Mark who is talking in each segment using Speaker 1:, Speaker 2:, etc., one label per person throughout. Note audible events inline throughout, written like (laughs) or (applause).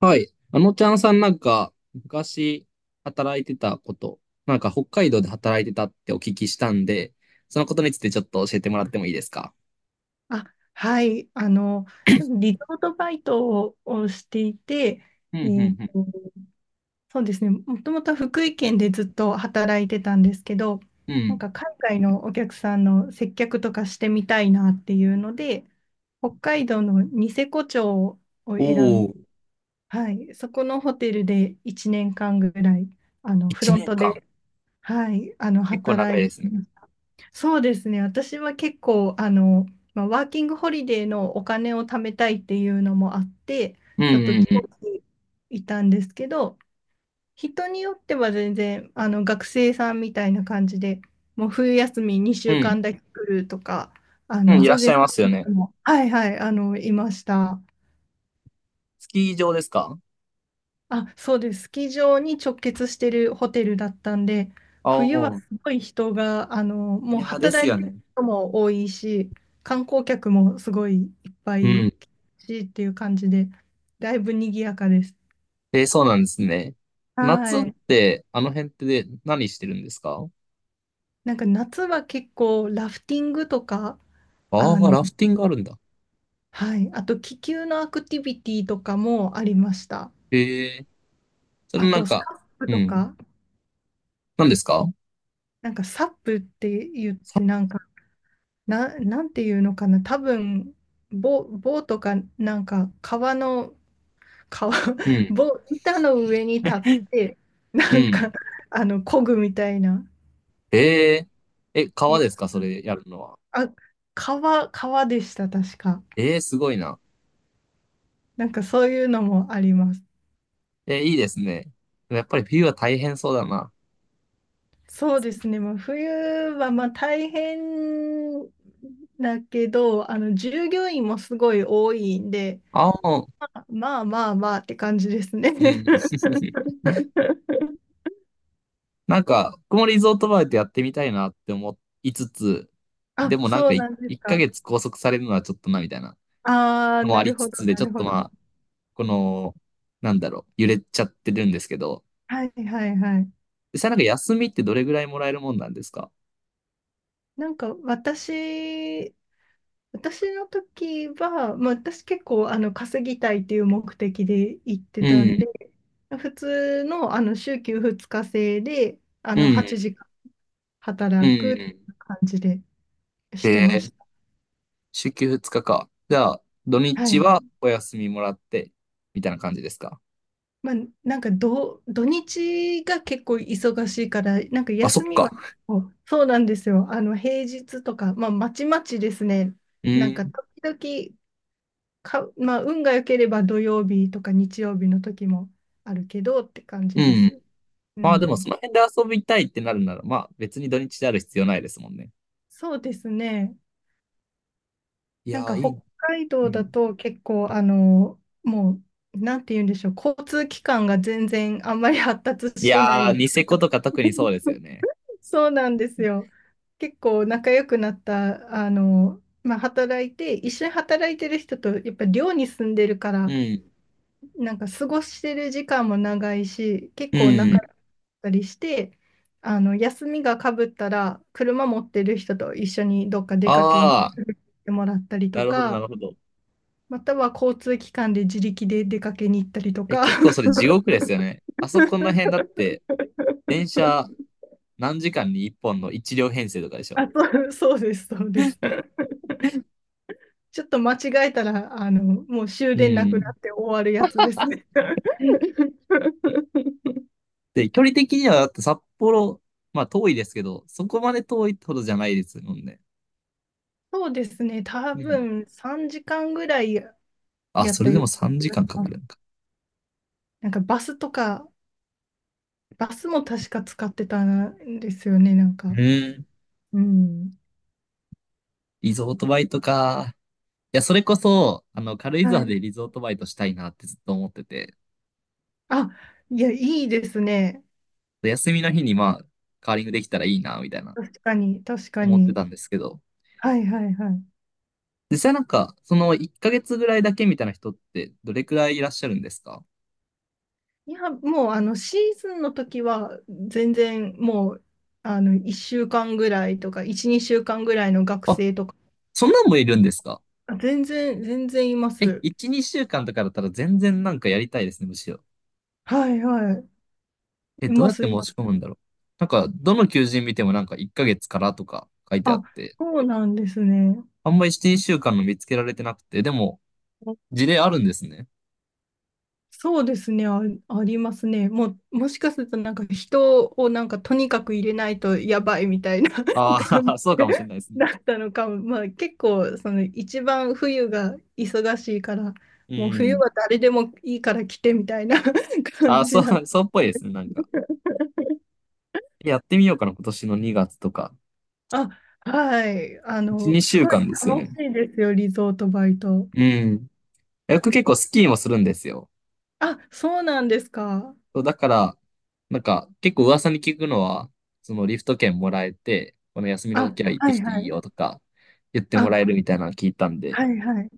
Speaker 1: はい。あのちゃんさんなんか、昔働いてたこと、なんか北海道で働いてたってお聞きしたんで、そのことについてちょっと教えてもらってもいいですか？
Speaker 2: あ、はい。ちょっとリゾートバイトをしていて、
Speaker 1: うん、
Speaker 2: えー
Speaker 1: うん、
Speaker 2: と、そうですね、もともとは福井県でずっと働いてたんですけど、
Speaker 1: うん。う
Speaker 2: なん
Speaker 1: ん。
Speaker 2: か海外のお客さんの接客とかしてみたいなっていうので、北海道のニセコ町を選ん、
Speaker 1: おー、
Speaker 2: はい、そこのホテルで1年間ぐらい、フ
Speaker 1: 1
Speaker 2: ロン
Speaker 1: 年
Speaker 2: ト
Speaker 1: 間。
Speaker 2: で、はい、
Speaker 1: 結構長
Speaker 2: 働
Speaker 1: い
Speaker 2: い
Speaker 1: で
Speaker 2: て
Speaker 1: すね。
Speaker 2: ました。そうですね。私は結構、まあ、ワーキングホリデーのお金を貯めたいっていうのもあって、
Speaker 1: うん、う
Speaker 2: ちょっと
Speaker 1: ん、う
Speaker 2: 長
Speaker 1: ん。
Speaker 2: 期いたんですけど、人によっては全然、学生さんみたいな感じで、もう冬休み2週間だけ来るとか、
Speaker 1: うん、うん、いらっ
Speaker 2: 全
Speaker 1: し
Speaker 2: 然
Speaker 1: ゃい
Speaker 2: そ
Speaker 1: ます
Speaker 2: う
Speaker 1: よ
Speaker 2: いう
Speaker 1: ね。
Speaker 2: 人も、はいはい、いました。
Speaker 1: スキー場ですか？
Speaker 2: あ、そうです。スキー場に直結してるホテルだったんで、
Speaker 1: あ
Speaker 2: 冬
Speaker 1: お
Speaker 2: は
Speaker 1: ー、
Speaker 2: すごい人が、
Speaker 1: い
Speaker 2: もう
Speaker 1: やーです
Speaker 2: 働い
Speaker 1: よ
Speaker 2: て
Speaker 1: ね。
Speaker 2: る人も多いし、観光客もすごいいっぱ
Speaker 1: う
Speaker 2: い
Speaker 1: ん。
Speaker 2: 来るしっていう感じで、だいぶ賑やかです。
Speaker 1: えー、そうなんですね。夏っ
Speaker 2: はい。
Speaker 1: て、あの辺ってで何してるんですか？
Speaker 2: なんか夏は結構ラフティングとか、
Speaker 1: ああ
Speaker 2: あ
Speaker 1: ー、
Speaker 2: の、
Speaker 1: ラフティングあるんだ。
Speaker 2: はい。あと気球のアクティビティとかもありました。
Speaker 1: へえ、そ
Speaker 2: あ
Speaker 1: れなん
Speaker 2: とサ
Speaker 1: か、
Speaker 2: ップ
Speaker 1: う
Speaker 2: と
Speaker 1: ん。
Speaker 2: か、
Speaker 1: 何ですか？
Speaker 2: なんかサップって言っ
Speaker 1: さ
Speaker 2: てなんかな、なんていうのかな、多分、棒とか、なんか、川、(laughs)
Speaker 1: うん。
Speaker 2: 板の上に立って、
Speaker 1: う
Speaker 2: なんか、
Speaker 1: ん。
Speaker 2: 漕ぐみたいな。
Speaker 1: えええ、
Speaker 2: い
Speaker 1: 川
Speaker 2: や、
Speaker 1: ですかそれやるのは？
Speaker 2: あ、川でした、確か。
Speaker 1: ええ、すごいな。
Speaker 2: なんか、そういうのもあります。
Speaker 1: え、いいですね。やっぱり冬は大変そうだな。
Speaker 2: そうですね、まあ、冬は、まあ、大変だけど、従業員もすごい多いんで、
Speaker 1: 青の、
Speaker 2: まあまあまあまあって感じですね。
Speaker 1: うん。(laughs)
Speaker 2: (laughs)
Speaker 1: なんか、僕もリゾートバイトやってみたいなって思いつつ、で
Speaker 2: あ、
Speaker 1: もなん
Speaker 2: そ
Speaker 1: か
Speaker 2: うなんです
Speaker 1: 1
Speaker 2: か。
Speaker 1: ヶ月拘束されるのはちょっとなみたいな
Speaker 2: ああ、
Speaker 1: のもあ
Speaker 2: な
Speaker 1: り
Speaker 2: る
Speaker 1: つ
Speaker 2: ほ
Speaker 1: つ
Speaker 2: ど、
Speaker 1: で、
Speaker 2: な
Speaker 1: ちょ
Speaker 2: る
Speaker 1: っと
Speaker 2: ほ
Speaker 1: ま
Speaker 2: ど。
Speaker 1: あ、この、なんだろう、揺れちゃってるんですけど、
Speaker 2: はいはいはい。
Speaker 1: 実際なんか休みってどれぐらいもらえるもんなんですか？
Speaker 2: なんか私の時は、まあ、私結構稼ぎたいっていう目的で行って
Speaker 1: う
Speaker 2: た
Speaker 1: ん、
Speaker 2: んで、普通の、あの週休2日制で
Speaker 1: う
Speaker 2: 8
Speaker 1: ん、
Speaker 2: 時間
Speaker 1: う
Speaker 2: 働くって
Speaker 1: ん。
Speaker 2: 感じで
Speaker 1: へ
Speaker 2: してま
Speaker 1: え、
Speaker 2: し
Speaker 1: 週休2日か。じゃあ、土
Speaker 2: た。は
Speaker 1: 日
Speaker 2: い。
Speaker 1: はお休みもらって、みたいな感じですか？
Speaker 2: まあ、なんか土日が結構忙しいから、なんか
Speaker 1: あ、そっ
Speaker 2: 休みは
Speaker 1: か。
Speaker 2: 結構、そうなんですよ。平日とか、まあ、まちまちですね。
Speaker 1: う
Speaker 2: なん
Speaker 1: ー
Speaker 2: か、
Speaker 1: ん。
Speaker 2: 時々か、まあ、運が良ければ土曜日とか日曜日の時もあるけどって感じ
Speaker 1: う
Speaker 2: で
Speaker 1: ん。
Speaker 2: す。う
Speaker 1: まあでもそ
Speaker 2: ん。
Speaker 1: の辺で遊びたいってなるなら、まあ別に土日である必要ないですもんね。
Speaker 2: そうですね。
Speaker 1: い
Speaker 2: なん
Speaker 1: やー、
Speaker 2: か、
Speaker 1: いい。
Speaker 2: 北海
Speaker 1: う
Speaker 2: 道
Speaker 1: ん。
Speaker 2: だと結構、もう、なんて言うんでしょう。交通機関が全然あんまり発達
Speaker 1: い
Speaker 2: してな
Speaker 1: や
Speaker 2: い
Speaker 1: ー、ニセコとか特にそうですよね。
Speaker 2: そうなんですよ。結構仲良くなった、まあ、働いて、一緒に働いてる人と、やっぱ寮に住んでるか
Speaker 1: う
Speaker 2: ら、
Speaker 1: ん。
Speaker 2: なんか過ごしてる時間も長いし、結
Speaker 1: う
Speaker 2: 構仲
Speaker 1: ん。
Speaker 2: 良かったりして、休みがかぶったら、車持ってる人と一緒にどっか出かけに行
Speaker 1: ああ、
Speaker 2: ってもらったり
Speaker 1: な
Speaker 2: と
Speaker 1: るほど、な
Speaker 2: か、
Speaker 1: るほど。
Speaker 2: または交通機関で自力で出かけに行ったりと
Speaker 1: え、
Speaker 2: か、
Speaker 1: 結構そ
Speaker 2: (laughs)
Speaker 1: れ地獄ですよね。あそこの辺だって、電車何時間に1本の1両編成とかでしょ。
Speaker 2: あ、そう、そうです、そうです。ちょっと間違えたら、もう終
Speaker 1: う
Speaker 2: 電なくな
Speaker 1: ん。
Speaker 2: って終わるやつですね。
Speaker 1: で、距離的にはだって札幌、まあ遠いですけど、そこまで遠いってほどじゃないですもんね。
Speaker 2: そうですね、多
Speaker 1: うん。
Speaker 2: 分3時間ぐらい
Speaker 1: あ、
Speaker 2: やっ
Speaker 1: それ
Speaker 2: た
Speaker 1: で
Speaker 2: よ
Speaker 1: も
Speaker 2: う
Speaker 1: 3
Speaker 2: な気が
Speaker 1: 時
Speaker 2: し
Speaker 1: 間かん
Speaker 2: ま
Speaker 1: かかる
Speaker 2: す。
Speaker 1: のか。
Speaker 2: なんかバスとか、バスも確か使ってたんですよね、なん
Speaker 1: う
Speaker 2: か。
Speaker 1: ーん。
Speaker 2: うん。
Speaker 1: リゾートバイトか。いや、それこそ、あの、軽井
Speaker 2: は
Speaker 1: 沢
Speaker 2: い。
Speaker 1: でリゾートバイトしたいなってずっと思ってて、
Speaker 2: あ、いや、いいですね。
Speaker 1: で休みの日にまあ、カーリングできたらいいな、みたいな、
Speaker 2: 確かに、確か
Speaker 1: 思って
Speaker 2: に。
Speaker 1: たんですけど、
Speaker 2: はいはいはい。
Speaker 1: 実際なんか、その1ヶ月ぐらいだけみたいな人って、どれくらいいらっしゃるんですか？
Speaker 2: いや、もうあのシーズンの時は全然もう1週間ぐらいとか、1、2週間ぐらいの学
Speaker 1: あ、
Speaker 2: 生とか、
Speaker 1: そんなんもいるんですか？
Speaker 2: あ全然、全然いま
Speaker 1: え、
Speaker 2: す。
Speaker 1: 1、2週間とかだったら全然なんかやりたいですね、むしろ。
Speaker 2: はいはい。
Speaker 1: え、
Speaker 2: い
Speaker 1: どう
Speaker 2: ま
Speaker 1: やって
Speaker 2: す、い
Speaker 1: 申
Speaker 2: ま
Speaker 1: し込
Speaker 2: す。
Speaker 1: むんだろう。なんか、どの求人見てもなんか1ヶ月からとか書いてあっ
Speaker 2: あ、
Speaker 1: て、
Speaker 2: そうなんですね。
Speaker 1: あんまり1、2週間の見つけられてなくて、でも、事例あるんですね。
Speaker 2: そうですね、あ、ありますね。もう、もしかするとなんか人をなんかとにかく入れないとやばいみたいな (laughs)
Speaker 1: あ
Speaker 2: 感
Speaker 1: あ、(laughs)
Speaker 2: じ
Speaker 1: そうかもしれないですね。
Speaker 2: だったのかも。まあ結構その一番冬が忙しいから、
Speaker 1: う
Speaker 2: もう冬
Speaker 1: ん。
Speaker 2: は誰でもいいから来てみたいな (laughs)
Speaker 1: あ
Speaker 2: 感
Speaker 1: あ、
Speaker 2: じ
Speaker 1: そう、
Speaker 2: な。
Speaker 1: (laughs) そうっぽいですね、なんか。やってみようかな、今年の2月とか。
Speaker 2: あ、はい。
Speaker 1: 1、2
Speaker 2: す
Speaker 1: 週
Speaker 2: ごい
Speaker 1: 間ですよ
Speaker 2: 楽
Speaker 1: ね。
Speaker 2: しいですよ、リゾートバイト。
Speaker 1: うん。僕結構スキーもするんですよ。
Speaker 2: あ、そうなんですか。
Speaker 1: そう、だから、なんか、結構噂に聞くのは、そのリフト券もらえて、この休みの
Speaker 2: あ、
Speaker 1: 時は行って
Speaker 2: は
Speaker 1: き
Speaker 2: い
Speaker 1: て
Speaker 2: は
Speaker 1: いい
Speaker 2: い。
Speaker 1: よとか、言っても
Speaker 2: あ、
Speaker 1: らえるみたいなの聞いたんで、
Speaker 2: はいはい。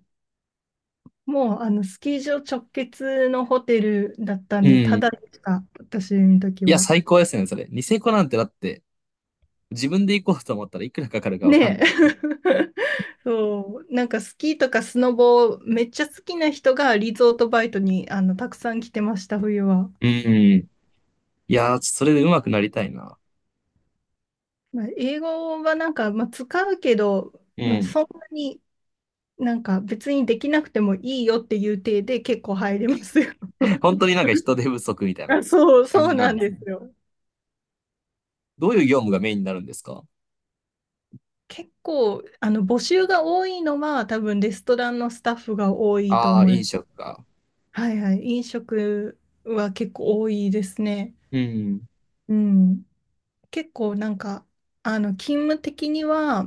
Speaker 2: もうあのスキー場直結のホテルだったん
Speaker 1: う
Speaker 2: で、た
Speaker 1: ん。
Speaker 2: だでした、私の時
Speaker 1: いや、
Speaker 2: は。
Speaker 1: 最高ですね、それ。ニセコなんてだって、自分で行こうと思ったらいくらかかるかわかん
Speaker 2: ねえ。
Speaker 1: ない。
Speaker 2: (laughs) そう、なんかスキーとかスノボめっちゃ好きな人がリゾートバイトにたくさん来てました、冬は。
Speaker 1: うん、いやー、それで上手くなりたいな。
Speaker 2: まあ、英語はなんか、まあ、使うけど、
Speaker 1: う
Speaker 2: まあ、
Speaker 1: ん。
Speaker 2: そんなになんか別にできなくてもいいよっていう体で結構入れますよ。
Speaker 1: 本当になんか人手不足みた
Speaker 2: (laughs)
Speaker 1: いな
Speaker 2: あ、そう、
Speaker 1: 感
Speaker 2: そう
Speaker 1: じな
Speaker 2: な
Speaker 1: ん
Speaker 2: ん
Speaker 1: です
Speaker 2: で
Speaker 1: ね。
Speaker 2: すよ。
Speaker 1: どういう業務がメインになるんですか？
Speaker 2: 結構募集が多いのは多分レストランのスタッフが多いと
Speaker 1: ああー、
Speaker 2: 思いま
Speaker 1: 飲
Speaker 2: す。
Speaker 1: 食か。
Speaker 2: はいはい。飲食は結構多いですね。
Speaker 1: うん、
Speaker 2: うん。結構なんか、勤務的には、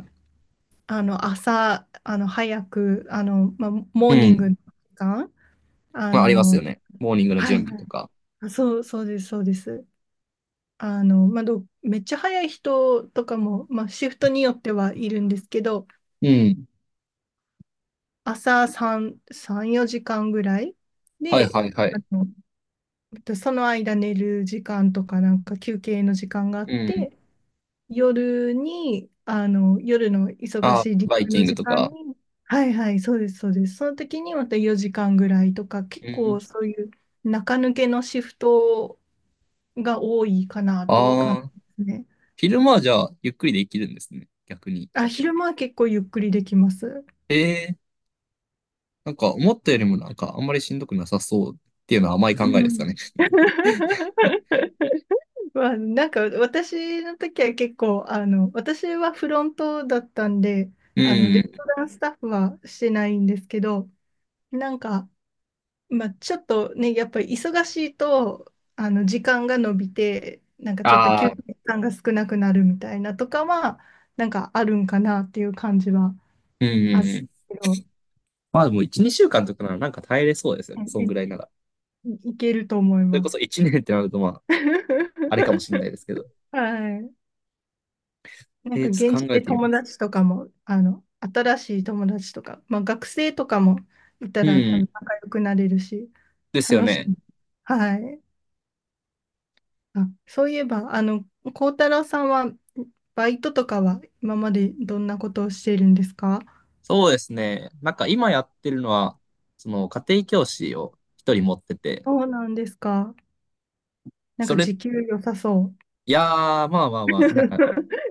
Speaker 2: 朝、早く、まあ、モ
Speaker 1: う
Speaker 2: ーニング
Speaker 1: ん、
Speaker 2: の時間、あ
Speaker 1: まあ、あります
Speaker 2: の、
Speaker 1: よね。モーニングの
Speaker 2: は
Speaker 1: 準
Speaker 2: い
Speaker 1: 備
Speaker 2: は
Speaker 1: とか。
Speaker 2: い。そう、そうです、そうです。まあ、めっちゃ早い人とかも、まあ、シフトによってはいるんですけど、
Speaker 1: うん、
Speaker 2: 朝3、4時間ぐらい
Speaker 1: はい
Speaker 2: で、
Speaker 1: はいは
Speaker 2: あ
Speaker 1: い。
Speaker 2: の、その間寝る時間とか、なんか休憩の時間があっ
Speaker 1: うん、
Speaker 2: て、夜に、夜の忙
Speaker 1: ああ、
Speaker 2: しい時
Speaker 1: バイ
Speaker 2: 間
Speaker 1: キ
Speaker 2: の
Speaker 1: ング
Speaker 2: 時
Speaker 1: と
Speaker 2: 間
Speaker 1: か。
Speaker 2: に、はいはい、そうです、そうです。その時にまた4時間ぐらいとか、結
Speaker 1: う
Speaker 2: 構
Speaker 1: ん。
Speaker 2: そういう中抜けのシフトが多いかなっていう感
Speaker 1: ああ、
Speaker 2: じですね。
Speaker 1: 昼間はじゃあ、ゆっくりできるんですね。逆に。
Speaker 2: あ、昼間は結構ゆっくりできます。
Speaker 1: ええ、なんか思ったよりもなんかあんまりしんどくなさそうっていうのは甘い考
Speaker 2: う
Speaker 1: えですか
Speaker 2: ん。
Speaker 1: ね？(laughs)
Speaker 2: まあ、なんか私の時は結構、私はフロントだったんで、
Speaker 1: う
Speaker 2: レス
Speaker 1: ん。
Speaker 2: トランスタッフはしてないんですけど、なんか、まあ、ちょっとね、やっぱり忙しいと、時間が延びて、なんかちょっと
Speaker 1: あ
Speaker 2: 休
Speaker 1: あ、
Speaker 2: 憩時間が少なくなるみたいなとかは、なんかあるんかなっていう感じは
Speaker 1: うんうん
Speaker 2: ある
Speaker 1: うん。
Speaker 2: けど、
Speaker 1: まあでも1、2週間とかならなんか耐えれそうですよね。そんぐらい
Speaker 2: え
Speaker 1: なら。
Speaker 2: いいけると思い
Speaker 1: それ
Speaker 2: ま
Speaker 1: こそ
Speaker 2: す。
Speaker 1: 1年ってなるとまあ、あれかもしれない
Speaker 2: (laughs)
Speaker 1: ですけど。
Speaker 2: はい。な
Speaker 1: え
Speaker 2: んか
Speaker 1: ー、ちょっ
Speaker 2: 現
Speaker 1: と
Speaker 2: 地
Speaker 1: 考え
Speaker 2: で
Speaker 1: てみま
Speaker 2: 友
Speaker 1: す。
Speaker 2: 達とかも、新しい友達とか、まあ、学生とかもいた
Speaker 1: う
Speaker 2: ら多
Speaker 1: ん。
Speaker 2: 分仲良くなれるし、
Speaker 1: ですよ
Speaker 2: 楽しい。
Speaker 1: ね。
Speaker 2: はい。あ、そういえば、幸太郎さんは、バイトとかは今までどんなことをしているんですか？
Speaker 1: そうですね。なんか今やってるのは、その家庭教師を一人持ってて、
Speaker 2: そうなんですか。なん
Speaker 1: そ
Speaker 2: か
Speaker 1: れ、
Speaker 2: 時給良さそ
Speaker 1: いやー、まあまあまあ、なんか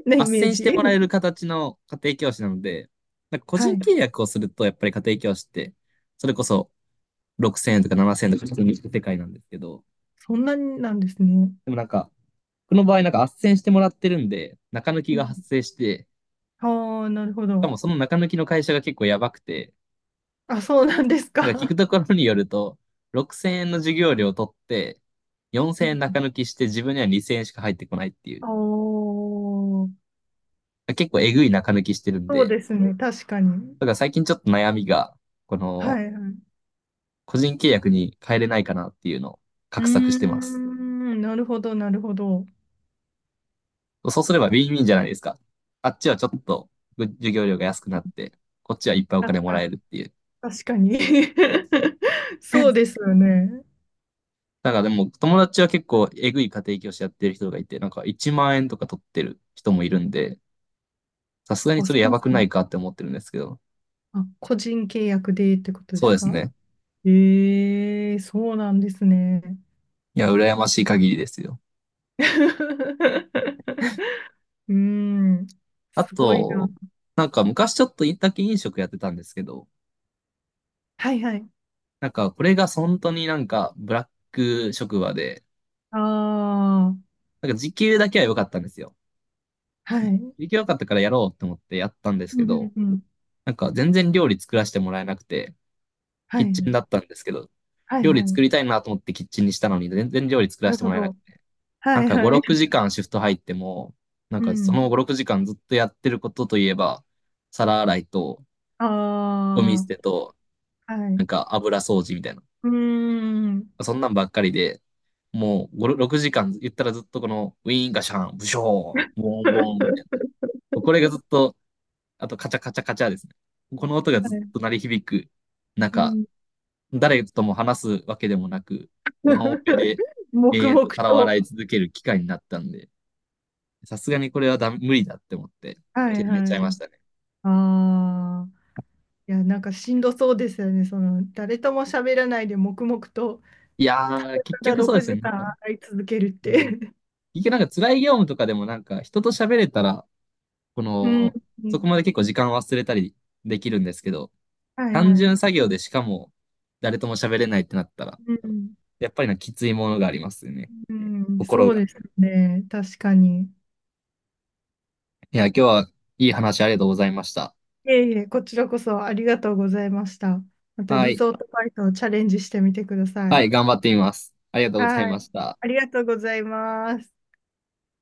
Speaker 2: う (laughs) なイメー
Speaker 1: 斡旋してもらえ
Speaker 2: ジ。
Speaker 1: る形の家庭教師なので、なんか個
Speaker 2: は
Speaker 1: 人
Speaker 2: い。
Speaker 1: 契約をすると、やっぱり家庭教師って、それこそ6000円とか7000円とか普通に行く世界なんですけど、
Speaker 2: そんなになんですね。
Speaker 1: でもなんか、僕の場合なんか斡旋してもらってるんで、中抜
Speaker 2: う
Speaker 1: き
Speaker 2: ん。
Speaker 1: が発生して、し
Speaker 2: ああ、なるほ
Speaker 1: か
Speaker 2: ど。
Speaker 1: もその中抜きの会社が結構やばくて、
Speaker 2: あ、そうなんです
Speaker 1: なんか聞く
Speaker 2: か。
Speaker 1: ところによると、6000円の授業料を取って、4000円中抜きして自分には2000円しか入ってこないっていう、
Speaker 2: おおー、
Speaker 1: 結構えぐい中抜きしてるん
Speaker 2: そう
Speaker 1: で、
Speaker 2: ですね。確かに。
Speaker 1: だから最近ちょっと悩みが、この
Speaker 2: はいはい。
Speaker 1: 個人契約に変えれないかなっていうのを
Speaker 2: う
Speaker 1: 画
Speaker 2: ー
Speaker 1: 策してます。
Speaker 2: ん、なるほど、なるほど。
Speaker 1: そうすればウィンウィンじゃないですか。あっちはちょっと授業料が安くなって、こっちはいっぱいお金
Speaker 2: 確
Speaker 1: も
Speaker 2: か
Speaker 1: ら
Speaker 2: に。
Speaker 1: えるっていう。
Speaker 2: 確かに。(laughs) そうですよね。
Speaker 1: なんかでも友達は結構えぐい家庭教師やってる人がいて、なんか1万円とか取ってる人もいるんで、さすがに
Speaker 2: あ、
Speaker 1: そ
Speaker 2: そ
Speaker 1: れや
Speaker 2: う
Speaker 1: ばく
Speaker 2: な
Speaker 1: ない
Speaker 2: んだ。
Speaker 1: かって思ってるんですけど、
Speaker 2: あ、個人契約でってことで
Speaker 1: そう
Speaker 2: す
Speaker 1: です
Speaker 2: か？
Speaker 1: ね。
Speaker 2: ええそうなんですね。
Speaker 1: いや、羨ましい限りですよ。
Speaker 2: (laughs) うーん、
Speaker 1: あ
Speaker 2: すごいな。
Speaker 1: と、なんか昔ちょっとだけ飲食やってたんですけど、
Speaker 2: はいはい。
Speaker 1: なんかこれが本当になんかブラック職場で、
Speaker 2: ああ、
Speaker 1: なんか時給だけは良かったんですよ。
Speaker 2: はい。う
Speaker 1: 時
Speaker 2: ん
Speaker 1: 給良かったからやろうと思ってやったんです
Speaker 2: う
Speaker 1: け
Speaker 2: ん
Speaker 1: ど、
Speaker 2: うん。
Speaker 1: なんか全然料理作らせてもらえなくて、
Speaker 2: は
Speaker 1: キ
Speaker 2: い
Speaker 1: ッ
Speaker 2: は
Speaker 1: チンだっ
Speaker 2: い。
Speaker 1: たんですけど、
Speaker 2: はい
Speaker 1: 料
Speaker 2: は
Speaker 1: 理作りた
Speaker 2: い。
Speaker 1: いなと思ってキッチンにしたのに、全然料理作
Speaker 2: な
Speaker 1: ら
Speaker 2: る
Speaker 1: せて
Speaker 2: ほ
Speaker 1: もらえなく
Speaker 2: ど。
Speaker 1: て。な
Speaker 2: は
Speaker 1: ん
Speaker 2: い
Speaker 1: か5、
Speaker 2: はい。
Speaker 1: 6時間シフト入っても、なん
Speaker 2: う
Speaker 1: かそ
Speaker 2: ん。
Speaker 1: の5、6時間ずっとやってることといえば、皿洗いと、
Speaker 2: あ
Speaker 1: ゴミ捨てと、
Speaker 2: あ、は
Speaker 1: なん
Speaker 2: い。
Speaker 1: か油掃除みたいな。
Speaker 2: うーん。
Speaker 1: そんなんばっかりで、もう5、6時間言ったらずっとこのウィーンガシャン、ブショー、ボンボンみたい
Speaker 2: (laughs)
Speaker 1: な。これがずっとあとカチャカチャカチャですね。この音が
Speaker 2: は
Speaker 1: ずっ
Speaker 2: い。
Speaker 1: と鳴り響く
Speaker 2: う
Speaker 1: 中、
Speaker 2: ん。
Speaker 1: 誰とも話すわけでもなく、ワンオペで
Speaker 2: (laughs)
Speaker 1: 永
Speaker 2: 黙
Speaker 1: 遠
Speaker 2: 々
Speaker 1: と皿を洗
Speaker 2: と。
Speaker 1: い続ける機会になったんで、さすがにこれはダメ無理だって思って、
Speaker 2: は
Speaker 1: ち
Speaker 2: い
Speaker 1: めち
Speaker 2: は
Speaker 1: ゃいま
Speaker 2: い。
Speaker 1: したね。
Speaker 2: ああ。いや、なんかしんどそうですよね。その、誰とも喋らないで黙々と、
Speaker 1: いやー、
Speaker 2: た
Speaker 1: 結
Speaker 2: だ
Speaker 1: 局そうで
Speaker 2: 6
Speaker 1: すよね。な
Speaker 2: 時
Speaker 1: んか、
Speaker 2: 間会い続けるっ
Speaker 1: う
Speaker 2: て。
Speaker 1: ん、
Speaker 2: (laughs)
Speaker 1: 結局なんか辛い業務とかでもなんか人と喋れたら、こ
Speaker 2: うん。
Speaker 1: の、
Speaker 2: う
Speaker 1: そこ
Speaker 2: ん
Speaker 1: まで結構時間忘れたりできるんですけど、
Speaker 2: はい
Speaker 1: 単
Speaker 2: はい。
Speaker 1: 純作業でしかも誰とも喋れないってなったら、
Speaker 2: うん。
Speaker 1: やっぱりなんかきついものがありますよね。
Speaker 2: うん。
Speaker 1: 心
Speaker 2: そう
Speaker 1: が。
Speaker 2: ですね。確かに。い
Speaker 1: いや、今日はいい話ありがとうございました。
Speaker 2: えいえ、こちらこそありがとうございました。また
Speaker 1: は
Speaker 2: リ
Speaker 1: い。
Speaker 2: ゾートバイトをチャレンジしてみてくださ
Speaker 1: は
Speaker 2: い。
Speaker 1: い、頑張ってみます。ありがとうござい
Speaker 2: は
Speaker 1: ま
Speaker 2: い。
Speaker 1: した。
Speaker 2: ありがとうございます。